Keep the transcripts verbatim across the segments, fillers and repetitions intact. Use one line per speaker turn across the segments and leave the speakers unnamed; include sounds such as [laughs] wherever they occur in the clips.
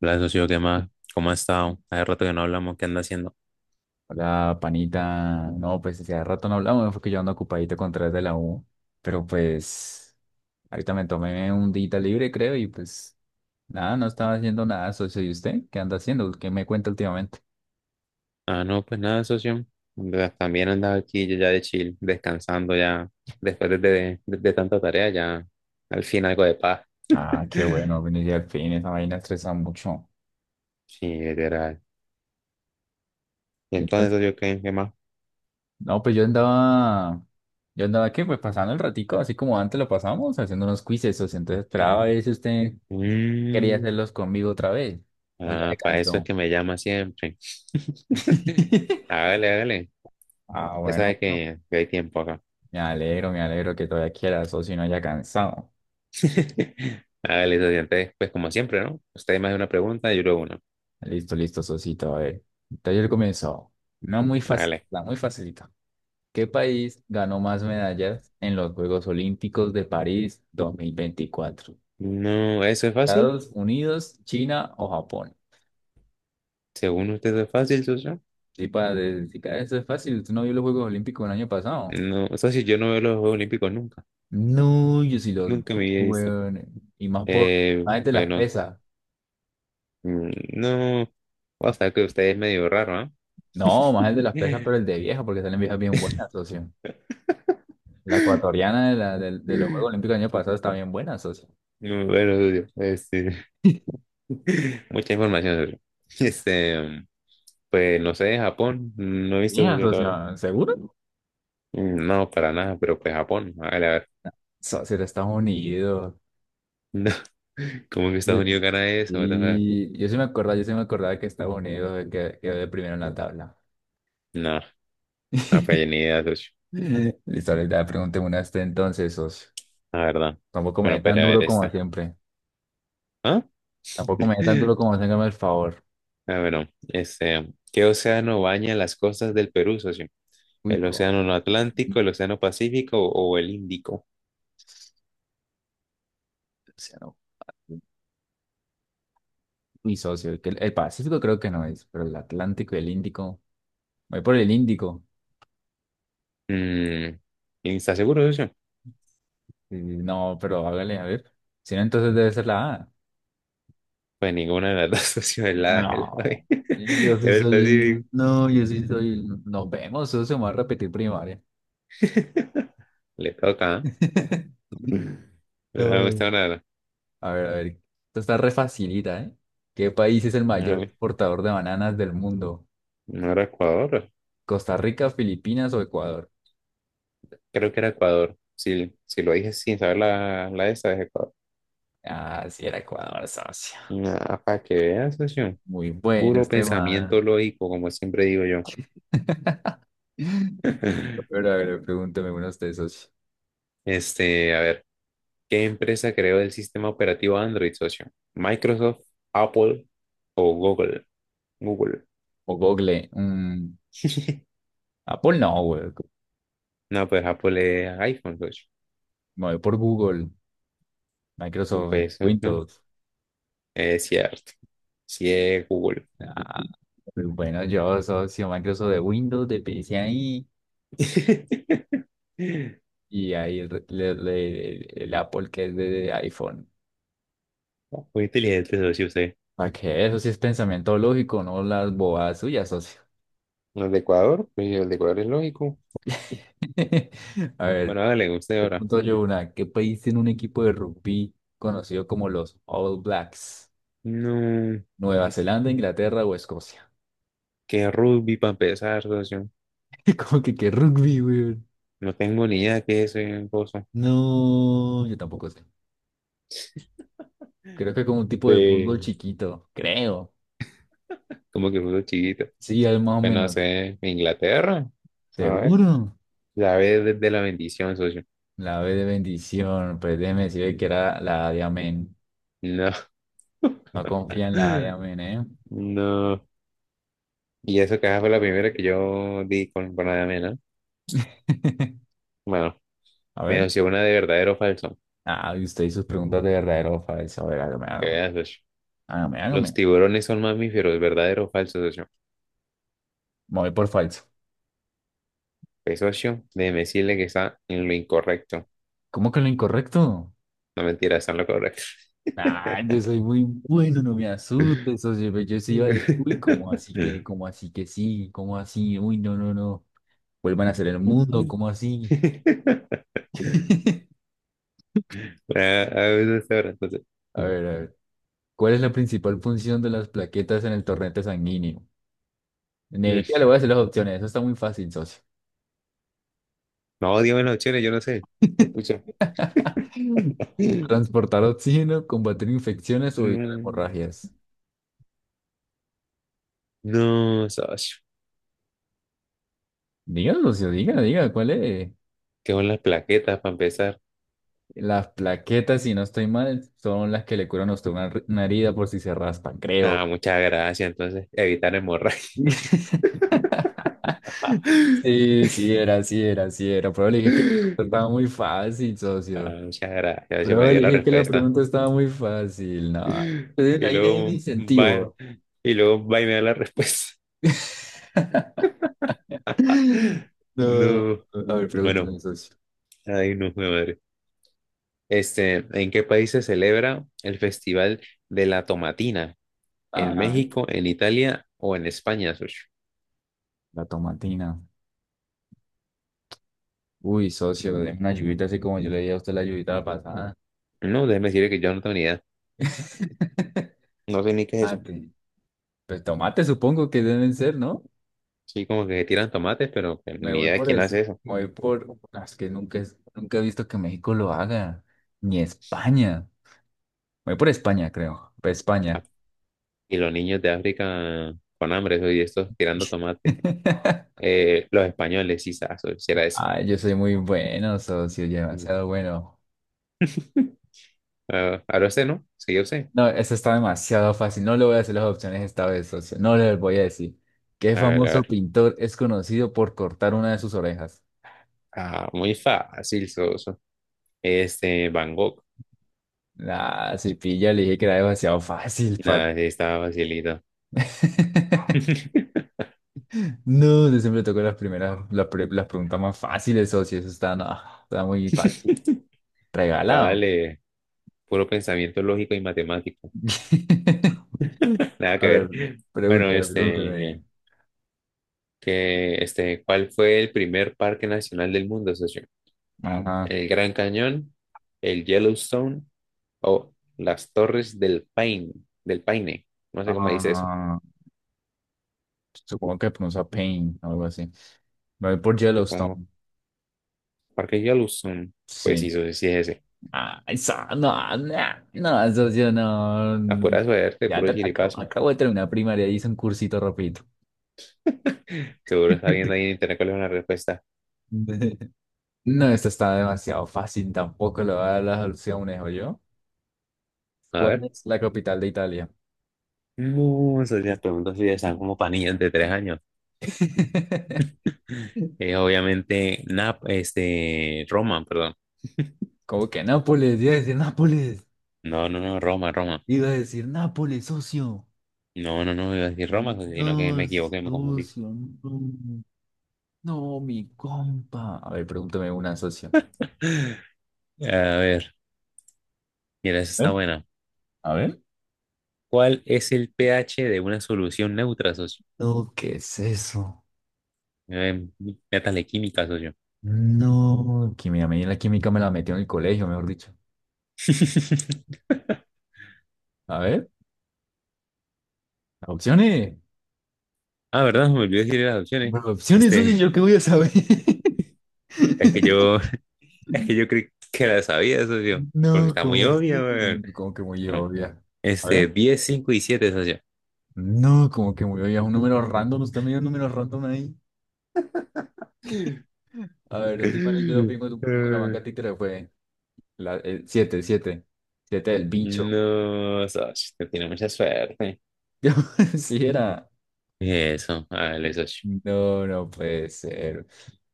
Hola, socio, ¿qué más? ¿Cómo ha estado? Hace rato que no hablamos, ¿qué anda haciendo?
Hola, panita. No, pues hace rato no hablamos, fue que yo ando ocupadito con tres de la U, pero pues ahorita me tomé un día libre, creo, y pues nada, no estaba haciendo nada, socio. ¿Y usted qué anda haciendo? ¿Qué me cuenta últimamente?
Ah, no, pues nada, socio. Ya- También andaba aquí yo ya de chill, descansando ya. Después de, de- de de tanta tarea, ya al fin algo de paz.
Ah, qué
[laughs]
bueno, venir al fin, esa vaina estresa mucho.
Sí, literal. ¿Y entonces,
Entonces,
socio, qué, qué más?
no, pues yo andaba, yo andaba, ¿qué? Pues pasando el ratico, así como antes lo pasamos, haciendo unos quizzes, socio. Entonces esperaba a ver si usted quería
Mm,
hacerlos conmigo otra vez, o ya se
ah, para eso es
cansó.
que me llama siempre. [laughs]
[laughs]
Hágale, hágale.
Ah,
Usted sabe
bueno.
que, que hay tiempo acá.
Me alegro, me alegro que todavía quiera, socio, y no haya cansado.
[laughs] Hágale, socio. Entonces, pues como siempre, ¿no? Usted más de una pregunta, yo luego una.
Listo, listo, socito. A ver, entonces él comenzó. No muy fácil,
Hágale.
la muy facilita. ¿Qué país ganó más medallas en los Juegos Olímpicos de París dos mil veinticuatro?
No, eso es fácil.
¿Estados Unidos, China o Japón?
Según usted es fácil, socio.
Sí, para decir, que eso es fácil. ¿Usted no vio los Juegos Olímpicos el año pasado?
No, socio, yo no veo los Juegos Olímpicos nunca.
No, yo sí los
Nunca me
vi,
había visto.
weón. Y más por,
Eh,
más el de las
bueno,
pesas.
mm, no. O sea que usted es medio raro,
No, más el de las pesas,
¿eh?
pero el de vieja, porque salen viejas bien buenas, socio. La ecuatoriana de, la, del- de los Juegos Olímpicos del año pasado está bien buena, socio.
No, [laughs] bueno, socio, este, [laughs] mucha información, socio. [laughs] Este, pues no sé, Japón. No he visto,
Bien,
socio, la verdad.
socio, ¿seguro?
Mm, No, para nada, pero pues Japón. Hágale. A ver,
Socio, de Estados Unidos.
no. [laughs] ¿Cómo que Estados
Y
Unidos gana eso? What the fuck?
y yo sí me acordaba, yo sí me acordaba que Estados Unidos que- quedó de primero en la tabla.
No, no, pues ni
[laughs]
idea, socio.
Listo, ahorita pregúnteme una a usted entonces, socio.
La verdad.
Tampoco me dé
Bueno,
tan
pero a ver
duro como
esta.
siempre.
¿Ah?
Tampoco me dé tan duro
[laughs]
como hágame el favor.
Ah, bueno, este, ¿qué océano baña las costas del Perú, socio?
Uy,
¿El océano
cómo.
no Atlántico, el océano Pacífico o el Índico?
O no. Uy, socio, que el, el Pacífico creo que no es, pero el Atlántico y el Índico. Voy por el Índico.
Mm, ¿estás seguro, socio?
Sí, no, pero hágale, a ver. Si no, entonces debe ser la A.
Pues ninguna de las dos, [laughs] socio, es la, es la B,
No,
[laughs]
yo
es
sí
el
soy,
Pacífico.
no, yo sí soy, nos vemos, eso se me va a repetir primaria.
[laughs] Le toca,
[laughs]
¿eh? Pero no
No,
me
no.
gusta nada.
A ver, a ver, esto está re facilita, ¿eh? ¿Qué país es el
No,
mayor
no
exportador de bananas del mundo?
no era Ecuador,
¿Costa Rica, Filipinas o Ecuador?
creo que era Ecuador. Si, si lo dije sin saber la, la de esa, es Ecuador.
Ah, sí era Ecuador, socio.
Nada, para que veas, socio.
Muy bueno
Puro
este
pensamiento
man.
lógico, como siempre digo yo.
[laughs]
[laughs]
Pero a ver, pregúnteme uno de ustedes, socio.
Este, a ver, ¿qué empresa creó el sistema operativo Android, socio? ¿Microsoft, Apple o Google? Google.
O Google. Mm.
[laughs]
Apple no, güey.
No, pues Apple es iPhone, socio.
Me voy por Google, Microsoft,
Pues ujú,
Windows.
es cierto. Sí es Google.
Ah, pues bueno, yo socio Microsoft de Windows, de P C ahí,
[laughs]
y ahí el, le- le- el- el Apple que es de iPhone.
Muy inteligente, socio, usted.
¿Para qué? Eso sí es pensamiento lógico, no las bobadas suyas, socio.
¿El de Ecuador? Pues el de Ecuador es lógico.
[laughs] A
Bueno,
ver,
dale, usted ahora.
pregunto yo una, ¿qué país tiene un equipo de rugby conocido como los All Blacks?
No,
¿Nueva Zelanda, Inglaterra o Escocia?
que rugby para empezar, socio.
[laughs] ¿Cómo que qué rugby, weón?
No tengo ni idea qué es esa cosa.
No, yo tampoco sé. Creo que como un tipo de
Pues,
fútbol chiquito, creo.
como que fue chiquito.
Sí, algo más o
Pues no
menos.
sé, Inglaterra. A ver,
¿Seguro?
la vez de de la bendición, socio.
La B de bendición, pues déjeme decirle que era la A de amén.
No,
No confía en la A de
[laughs]
amén, ¿eh?
no. Y eso que esa fue la primera que yo di con, con la de amena.
[laughs]
Bueno,
A
me
ver.
dio una de verdadero o falso.
Ah, y usted y sus preguntas de verdadero o falso. A ver, hágame,
Que
hágame.
veas, socio.
Hágame,
Los
hágame.
tiburones son mamíferos, verdadero o falso, socio.
Me voy por falso.
Pues, socio, déjeme decirle que está en lo incorrecto.
¿Cómo que lo incorrecto?
No, mentira, está en lo correcto.
Ah, yo soy muy bueno, no me asustes, socio. Pero yo sí iba a decir, uy, ¿cómo así que,
[laughs] [laughs]
cómo así que sí? ¿Cómo así? Uy, no, no, no. Vuelvan a hacer el mundo, ¿cómo así? [laughs]
Bueno, a veces ahora entonces.
A ver, a ver. ¿Cuál es la principal función de las plaquetas en el torrente sanguíneo? Ni siquiera
[laughs]
le voy a decir las opciones, eso está muy fácil, socio.
No, dígame las opciones, yo no sé. Escucha.
[laughs]
[laughs]
Transportar oxígeno, combatir infecciones o evitar
No,
hemorragias.
no, socio.
Diga, socio, diga, diga, ¿cuál es?
¿Qué son las plaquetas para empezar?
Las plaquetas, si no estoy mal, son las que le curan a usted una, r- una herida por si se raspa,
Ah,
creo.
muchas gracias. Entonces, evitar hemorragia.
[laughs]
[laughs]
Sí, sí era, sí era, sí era. Pero le dije que la pregunta estaba muy fácil,
Ah,
socio.
muchas gracias,
Pero
socio, me
bueno,
dio
le
la
dije que la
respuesta.
pregunta estaba muy fácil. No, entonces,
Y
ahí le di el
luego va,
incentivo.
y luego va y me da la respuesta.
Bro. [laughs]
[laughs]
No.
No,
A ver,
bueno,
pregúntale, socio.
ay, no, mi madre. Este, ¿en qué país se celebra el Festival de la Tomatina? ¿En
Ah,
México, en Italia o en España, socio?
la tomatina. Uy, socio, es una lluvita así como yo le dije a usted la lluvita pasada.
No, déjeme decirle que yo no tengo ni idea. No sé ni qué es eso.
Tomate. Pues tomate supongo que deben ser, ¿no?
Sí, como que tiran tomates, pero pues
Me
ni
voy
idea de
por
quién
eso.
hace eso.
Me voy por... Ah, es que nunca, es- nunca he visto que México lo haga. Ni España. Me voy por España, creo. Por
Ah,
España.
y los niños de África con hambre, eso y estos tirando tomates.
[laughs]
Eh, los españoles, sí, saso, sí era eso.
Ay, yo soy muy bueno, socio.
Mm.
Demasiado bueno.
[laughs] Ah, ahora usted, ¿no? Sí, usted.
No, eso está demasiado fácil. No le voy a hacer las opciones esta vez, socio. No le voy a decir. ¿Qué
A ver, a
famoso
ver.
pintor es conocido por cortar una de sus orejas?
Ah, muy fácil, soso. Este, Van Gogh.
La si pilla, le dije que era demasiado fácil, par.
Nada, sí, estaba facilito.
[laughs]
[laughs]
No, yo siempre toco las primeras, las, pre- las preguntas más fáciles, socio. Eso está, no, está muy pa- regalado.
Vale, puro pensamiento lógico y matemático.
[laughs]
Nada que
A ver,
ver. Bueno,
pregúntame,
este,
pregúntame.
que, este, ¿cuál fue el primer parque nacional del mundo, socio?
Ajá.
¿El Gran Cañón, el Yellowstone o las Torres del Paine? Del Paine, no sé cómo dice eso,
Ah, supongo que pronuncia Pain o algo así. Me voy por
supongo.
Yellowstone.
Parque Yellowstone, pues sí,
Sí.
socio, sí es ese.
Ah, esa, no, no, no, socio, no.
Apura suerte,
Ya
puro
te- acabo,
chiripazo.
acabo de terminar primaria, y hice un cursito rapidito.
[laughs] Seguro está viendo
[laughs]
ahí en internet cuál es la respuesta.
No, esto está demasiado fácil, tampoco le voy a dar las opciones, yo.
A
¿Cuál
ver.
es la capital de Italia?
No, esas las preguntas sí están como panillas de tres años.
[laughs]
Eh, obviamente, Nap, este, Roma, perdón.
¿Cómo que Nápoles? Iba a decir Nápoles.
No, no, no, Roma, Roma.
Iba a decir Nápoles, socio.
No, no, no, iba a decir Roma, sino que me
No,
equivoqué, me confundí.
socio, no. No, mi compa. A ver, pregúntame una, socio.
A ver, mira, esa
¿Eh?
está buena.
A ver.
¿Cuál es el pH de una solución neutra, socio?
No, ¿qué es eso?
Eh, métale química, socio.
No, que mira, a mí la química me la metió en el colegio, mejor dicho.
[laughs]
A ver, opciones.
Ah, ¿verdad? Me olvidé decir las opciones.
Bueno, opciones, eso
Este,
yo qué voy a saber.
es que
[laughs]
yo, [laughs] es que yo creí que la sabía, socio, porque
No,
está
como
muy obvia,
así,
weón.
como que muy
No.
obvia. A
Este,
ver.
diez, cinco y siete, socio. [gasps]
No, como que muy obvia, un número random, usted me dio un número random ahí. A ver, de ti, manito, de
[laughs]
pingo, tu
Eh,
Cucaramanga, títere, fue la, el siete, siete, 7 del bicho.
no, socio, te tiene mucha suerte.
[laughs] Sí, era.
Eso, vale, socio.
No, no puede ser.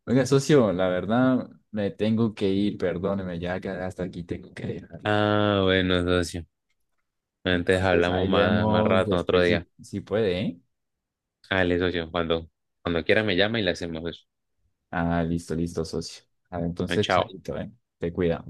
Oiga, socio, la verdad me tengo que ir, perdóneme, ya que hasta aquí tengo que dejar.
Ah, bueno, socio. Antes
Entonces, ahí
hablamos
le
más, más
damos
rato, otro
después
día.
si, si puede, ¿eh?
Dale, socio, cuando, cuando quiera me llama y le hacemos eso.
Ah, listo, listo, socio. Ah,
Ah,
entonces,
chao.
chaito, ¿eh? Te cuida.